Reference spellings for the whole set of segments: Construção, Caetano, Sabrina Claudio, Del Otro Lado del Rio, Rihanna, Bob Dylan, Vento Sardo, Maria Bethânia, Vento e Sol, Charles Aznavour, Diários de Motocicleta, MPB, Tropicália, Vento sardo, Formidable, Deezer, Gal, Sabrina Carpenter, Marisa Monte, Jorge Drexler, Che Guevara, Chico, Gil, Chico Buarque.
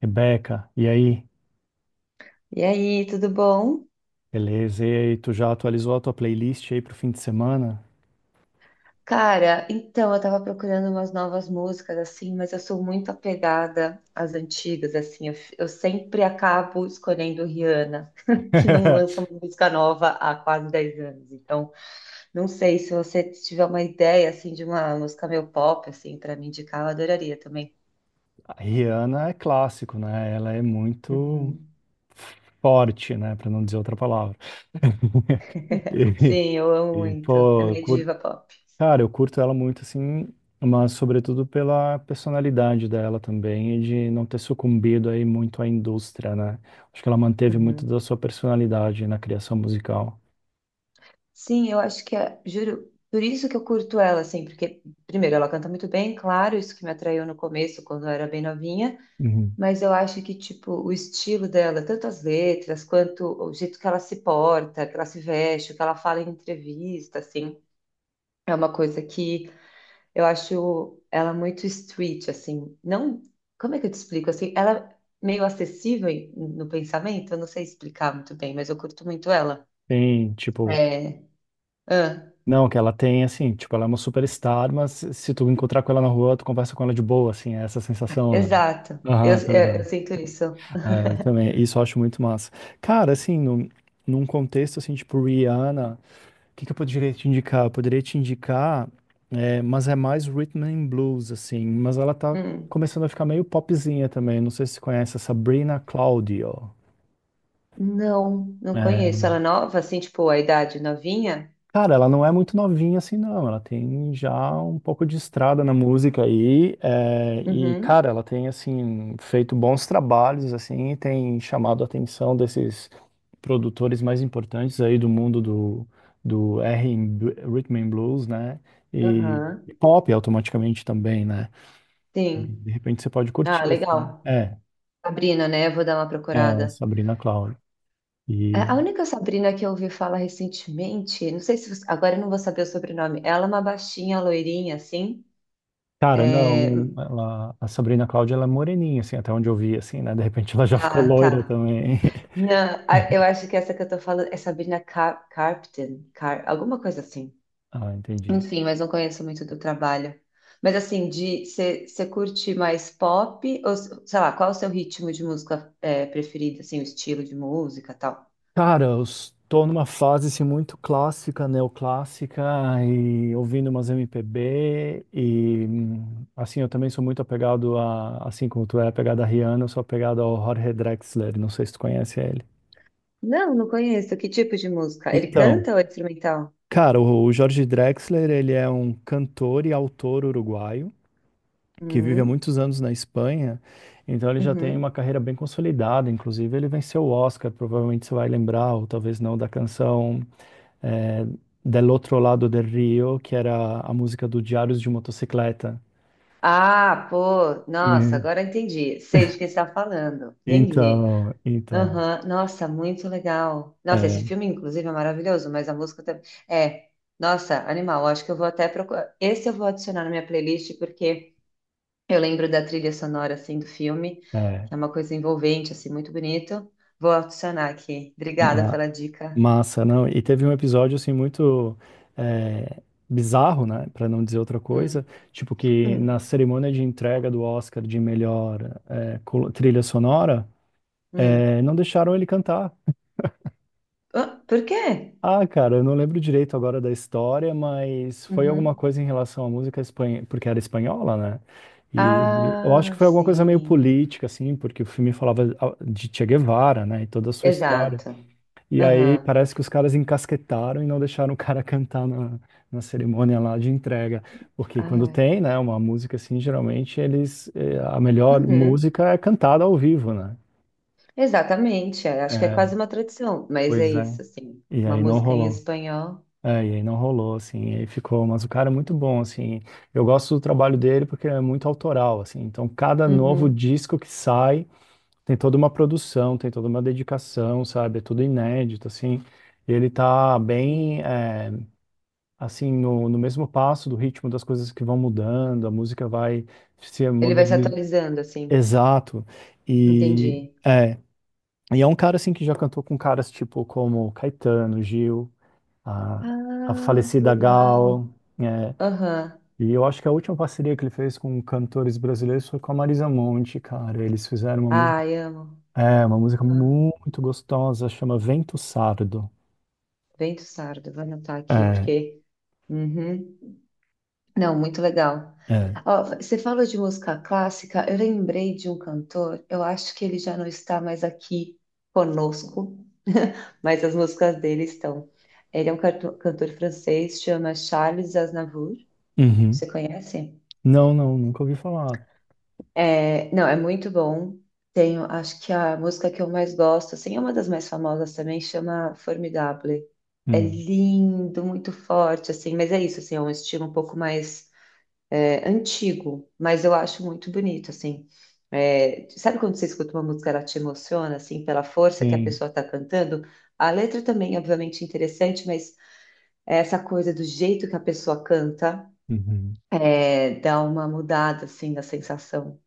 Rebeca, e aí? E aí, tudo bom? Beleza, e aí, tu já atualizou a tua playlist aí pro fim de semana? Cara, então eu tava procurando umas novas músicas assim, mas eu sou muito apegada às antigas assim. Eu sempre acabo escolhendo Rihanna, que não lança uma música nova há quase 10 anos. Então, não sei se você tiver uma ideia assim de uma música meio pop assim para me indicar, eu adoraria também. A Rihanna é clássico, né? Ela é muito Uhum. forte, né? Pra não dizer outra palavra. Sim, eu amo E, e, muito. É pô, minha cur- diva pop. cara, eu curto ela muito, assim, mas sobretudo pela personalidade dela também e de não ter sucumbido aí muito à indústria, né? Acho que ela manteve muito da Uhum. sua personalidade na criação musical. Sim, eu acho que é, juro, por isso que eu curto ela, assim, porque, primeiro, ela canta muito bem, claro, isso que me atraiu no começo, quando eu era bem novinha, Uhum. mas eu acho que, tipo, o estilo dela, tanto as letras, quanto o jeito que ela se porta, que ela se veste, o que ela fala em entrevista, assim, é uma coisa que eu acho ela muito street, assim, não, como é que eu te explico, assim, ela é meio acessível no pensamento, eu não sei explicar muito bem, mas eu curto muito ela. Tem, tipo, É, ah. Não, que ela tem, assim, tipo, ela é uma superstar, mas se tu encontrar com ela na rua, tu conversa com ela de boa, assim, é essa sensação, né? Exato. Eu, Aham, tá eu, ligado. eu sinto isso. É, eu também, isso eu acho muito massa. Cara, assim, num contexto, assim, tipo, Rihanna, o que que eu poderia te indicar? Eu poderia te indicar, mas é mais rhythm and blues, assim, mas ela tá Hum. começando a ficar meio popzinha também, não sei se você conhece a Sabrina Claudio. Não, não conheço. Né? Ela é nova, assim, tipo, a idade novinha? Cara, ela não é muito novinha assim, não. Ela tem já um pouco de estrada na música aí. Uhum. Cara, ela tem, assim, feito bons trabalhos, assim, e tem chamado a atenção desses produtores mais importantes aí do mundo do, do R R&B, Rhythm and Blues, né? E, Aham. e pop automaticamente também, né? E, Sim. de repente você pode Ah, curtir, assim. legal. Sabrina, né? Eu vou dar uma procurada. Sabrina Claudio. É, a única Sabrina que eu ouvi falar recentemente, não sei se você- agora eu não vou saber o sobrenome. Ela é uma baixinha, loirinha, assim. Cara, É, não, ela, a Sabrina Cláudia, ela é moreninha, assim, até onde eu vi, assim, né? De repente ela já ficou ah, loira tá. também. Não, eu acho que essa que eu tô falando é Sabrina Carpenter, Car... alguma coisa assim. Ah, entendi. Enfim, mas não conheço muito do trabalho. Mas assim, de você curte mais pop, ou sei lá, qual o seu ritmo de música é, preferido, assim, o estilo de música e tal? Cara, eu estou numa fase, assim, muito clássica, neoclássica, e ouvindo umas MPB, e, assim, eu também sou muito apegado a, assim como tu é apegado a Rihanna, eu sou apegado ao Jorge Drexler, não sei se tu conhece ele. Não, não conheço. Que tipo de música? Ele Então, canta ou é instrumental? cara, o Jorge Drexler, ele é um cantor e autor uruguaio, que vive há Uhum, muitos anos na Espanha, então ele já tem uma uhum. carreira bem consolidada, inclusive ele venceu o Oscar, provavelmente você vai lembrar, ou talvez não, da canção é, Del Otro Lado del Rio, que era a música do Diários de Motocicleta. Ah, pô, nossa, E- agora entendi. Sei de quem você está falando. Entendi. então, Aham, nossa, muito legal. Nossa, é, esse filme, inclusive, é maravilhoso, mas a música também. É, nossa, animal. Acho que eu vou até procurar. Esse eu vou adicionar na minha playlist, porque. Eu lembro da trilha sonora assim do filme, é, que é uma coisa envolvente, assim, muito bonito. Vou adicionar aqui. Obrigada ma- pela dica. massa, não? E teve um episódio, assim, muito... é, bizarro, né, para não dizer outra coisa, Hum, tipo que na hum, cerimônia de entrega do Oscar de melhor trilha sonora. hum. É, não deixaram ele cantar. Ah, por quê? Ah, cara, eu não lembro direito agora da história, mas foi alguma Uhum. coisa em relação à música espanhola, porque era espanhola, né? E eu acho que Ah, foi alguma coisa meio sim. política, assim, porque o filme falava ah, de Che Guevara, né, e toda a sua história. Exato. E aí Aham. parece que os caras encasquetaram e não deixaram o cara cantar na, na cerimônia lá de entrega. Porque quando Ai. tem, né, uma música assim, geralmente eles, eh, a melhor Uhum. música é cantada ao vivo, né? Exatamente. Acho que é É, quase uma tradição, mas é pois é. isso, assim. E Uma aí não música em rolou. espanhol. É, e aí não rolou, assim, e aí ficou, mas o cara é muito bom, assim, eu gosto do trabalho dele porque é muito autoral, assim, então cada novo Uhum. disco que sai tem toda uma produção, tem toda uma dedicação, sabe, é tudo inédito, assim, e ele tá bem, Sim. é, assim, no mesmo passo do ritmo das coisas que vão mudando, a música vai se Ele vai se modernizando, atualizando, assim. exato, e Entendi. é, é um cara, assim, que já cantou com caras tipo como Caetano, Gil, a, a Ah, que falecida Gal. legal. É. Aham. E eu acho que a última parceria que ele fez com cantores brasileiros foi com a Marisa Monte, cara. Eles fizeram Ai, amo. Uma música Ah, muito gostosa, chama Vento Sardo. Vento Sardo, vou anotar aqui É, porque. Uhum. Não, muito legal. é. Ó, você falou de música clássica, eu lembrei de um cantor, eu acho que ele já não está mais aqui conosco, mas as músicas dele estão. Ele é um cantor francês, chama Charles Aznavour. Uhum. Você conhece? Não, não, nunca ouvi falar. É, não, é muito bom. Tenho, acho que a música que eu mais gosto, assim, é uma das mais famosas também, chama Formidable. É Hum. lindo, muito forte, assim, mas é isso, assim, é um estilo um pouco mais antigo, mas eu acho muito bonito, assim. É, sabe quando você escuta uma música, ela te emociona, assim, pela força que a Sim. pessoa está cantando? A letra também, obviamente, é interessante, mas é essa coisa do jeito que a pessoa canta, Uhum. Dá uma mudada, assim, na sensação.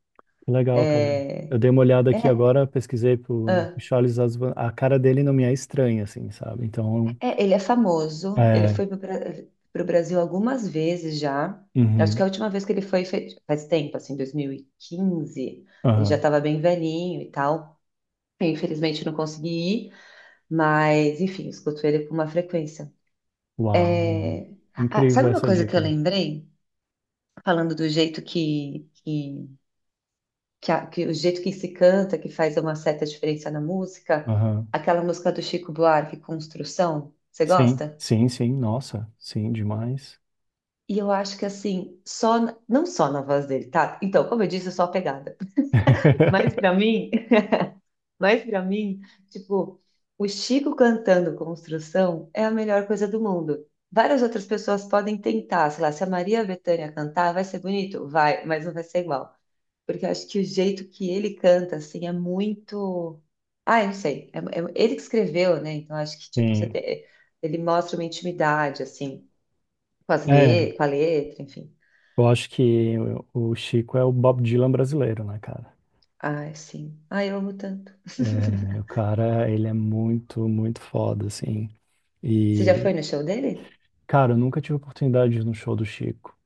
Que legal, cara. Eu É, dei uma olhada aqui é, agora, pesquisei pro Ah, Charles Aznavour. A cara dele não me é estranha, assim, sabe? Então, é, ele é famoso. Ele é. foi para o Brasil algumas vezes já. Acho que a Uhum. última vez que ele foi faz tempo, assim, 2015. Ele já Aham. estava bem velhinho e tal. Eu, infelizmente não consegui ir, mas enfim, escuto ele com uma frequência. Uau. É, ah, Incrível sabe uma essa coisa que eu dica. lembrei? Falando do jeito que o jeito que se canta, que faz uma certa diferença na música, aquela música do Chico Buarque, Construção. Você Sim, gosta? sim, sim, nossa, sim, demais. E eu acho que assim, não só na voz dele, tá? Então, como eu disse, eu sou apegada. Mas pra mim, mas para mim, tipo, o Chico cantando Construção é a melhor coisa do mundo. Várias outras pessoas podem tentar, sei lá, se a Maria Bethânia cantar, vai ser bonito? Vai, mas não vai ser igual. Porque eu acho que o jeito que ele canta, assim, é muito. Ah, eu não sei. Ele que escreveu, né? Então, eu acho que, tipo, Sim. Ele mostra uma intimidade, assim, com as É, le... com a letra, enfim. eu acho que o Chico é o Bob Dylan brasileiro, né, cara? Ai, sim. Ai, eu amo tanto. É, o cara, ele é muito, muito foda, assim. Você já foi E, no show dele? cara, eu nunca tive oportunidade de ir no show do Chico.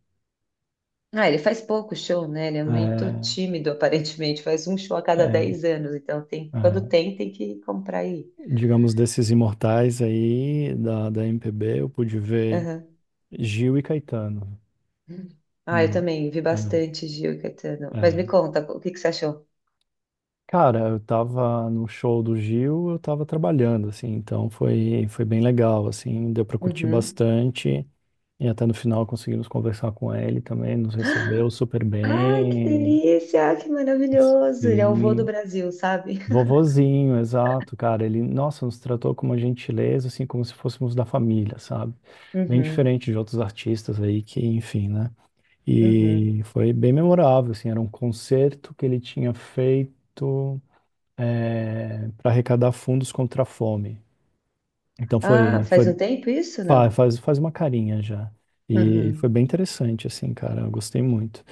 Ah, ele faz pouco show, né? Ele é muito É, tímido, aparentemente. Faz um show a cada é, 10 anos. Então, tem, quando é. tem, tem que comprar aí. Digamos, desses imortais aí da, da MPB, eu pude ver Aham. Gil e Caetano. Ah, eu Não. também vi é, bastante Gil e Caetano. Mas me é. conta, o que que você achou? Cara, eu tava no show do Gil, eu tava trabalhando, assim, então foi bem legal, assim, deu pra curtir Uhum. bastante, e até no final conseguimos conversar com ele também, nos recebeu super Ai, que bem, delícia! Que maravilhoso! Ele é o vô do sim, Brasil, sabe? vovozinho, exato, cara, ele, nossa, nos tratou com uma gentileza, assim, como se fôssemos da família, sabe? Bem Uhum, diferente de outros artistas aí que, enfim, né? uhum. E foi bem memorável, assim, era um concerto que ele tinha feito para arrecadar fundos contra a fome. Então Ah, foi, faz foi um tempo isso, fa- não? faz, faz uma carinha já. E foi Uhum. bem interessante, assim, cara, eu gostei muito.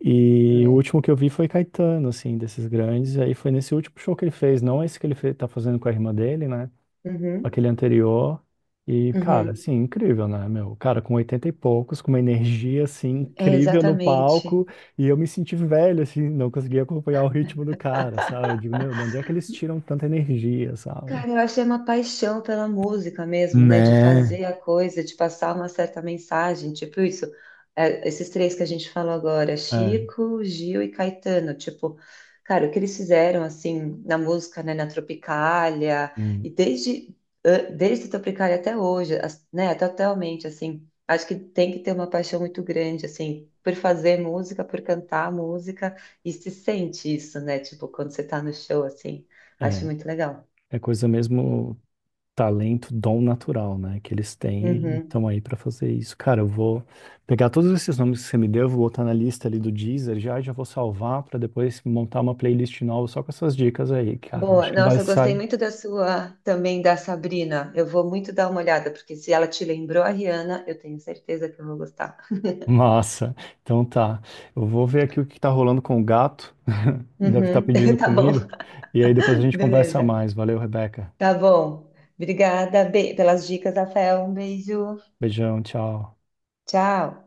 E o É. último que eu vi foi Caetano, assim, desses grandes, e aí foi nesse último show que ele fez, não esse que ele tá fazendo com a irmã dele, né? Uhum, Aquele anterior. E, cara, uhum. assim, incrível, né, meu? Cara, com 80 e poucos, com uma energia, assim, É, incrível no exatamente. palco, e eu me senti velho, assim, não conseguia acompanhar o ritmo do cara, sabe? Eu digo, meu, de onde é que eles tiram tanta energia, sabe? Cara, eu achei uma paixão pela música mesmo, né? De Né? fazer a coisa, de passar uma certa mensagem, tipo isso. É, esses três que a gente falou agora, É, Chico, Gil e Caetano, tipo, cara, o que eles fizeram assim na música, né? Na Tropicália hum, e desde desde Tropicália até hoje, né? Totalmente assim. Acho que tem que ter uma paixão muito grande assim por fazer música, por cantar música e se sente isso, né? Tipo, quando você tá no show assim, acho é, muito legal. é, coisa mesmo, talento, dom natural, né? Que eles têm, e Uhum. estão aí para fazer isso. Cara, eu vou pegar todos esses nomes que você me deu, vou botar na lista ali do Deezer já, e já vou salvar para depois montar uma playlist nova só com essas dicas aí, cara. Eu Boa. acho que vai Nossa, eu gostei sair. muito da sua, também da Sabrina. Eu vou muito dar uma olhada, porque se ela te lembrou a Rihanna, eu tenho certeza que eu vou gostar. Massa. Então tá. Eu vou ver aqui o que tá rolando com o gato. Deve estar Uhum. pedindo Tá bom. comida. E aí depois a gente conversa Beleza. mais. Valeu, Rebeca. Tá bom. Obrigada, Bê, pelas dicas, Rafael. Um beijo. Beijão, tchau. Tchau.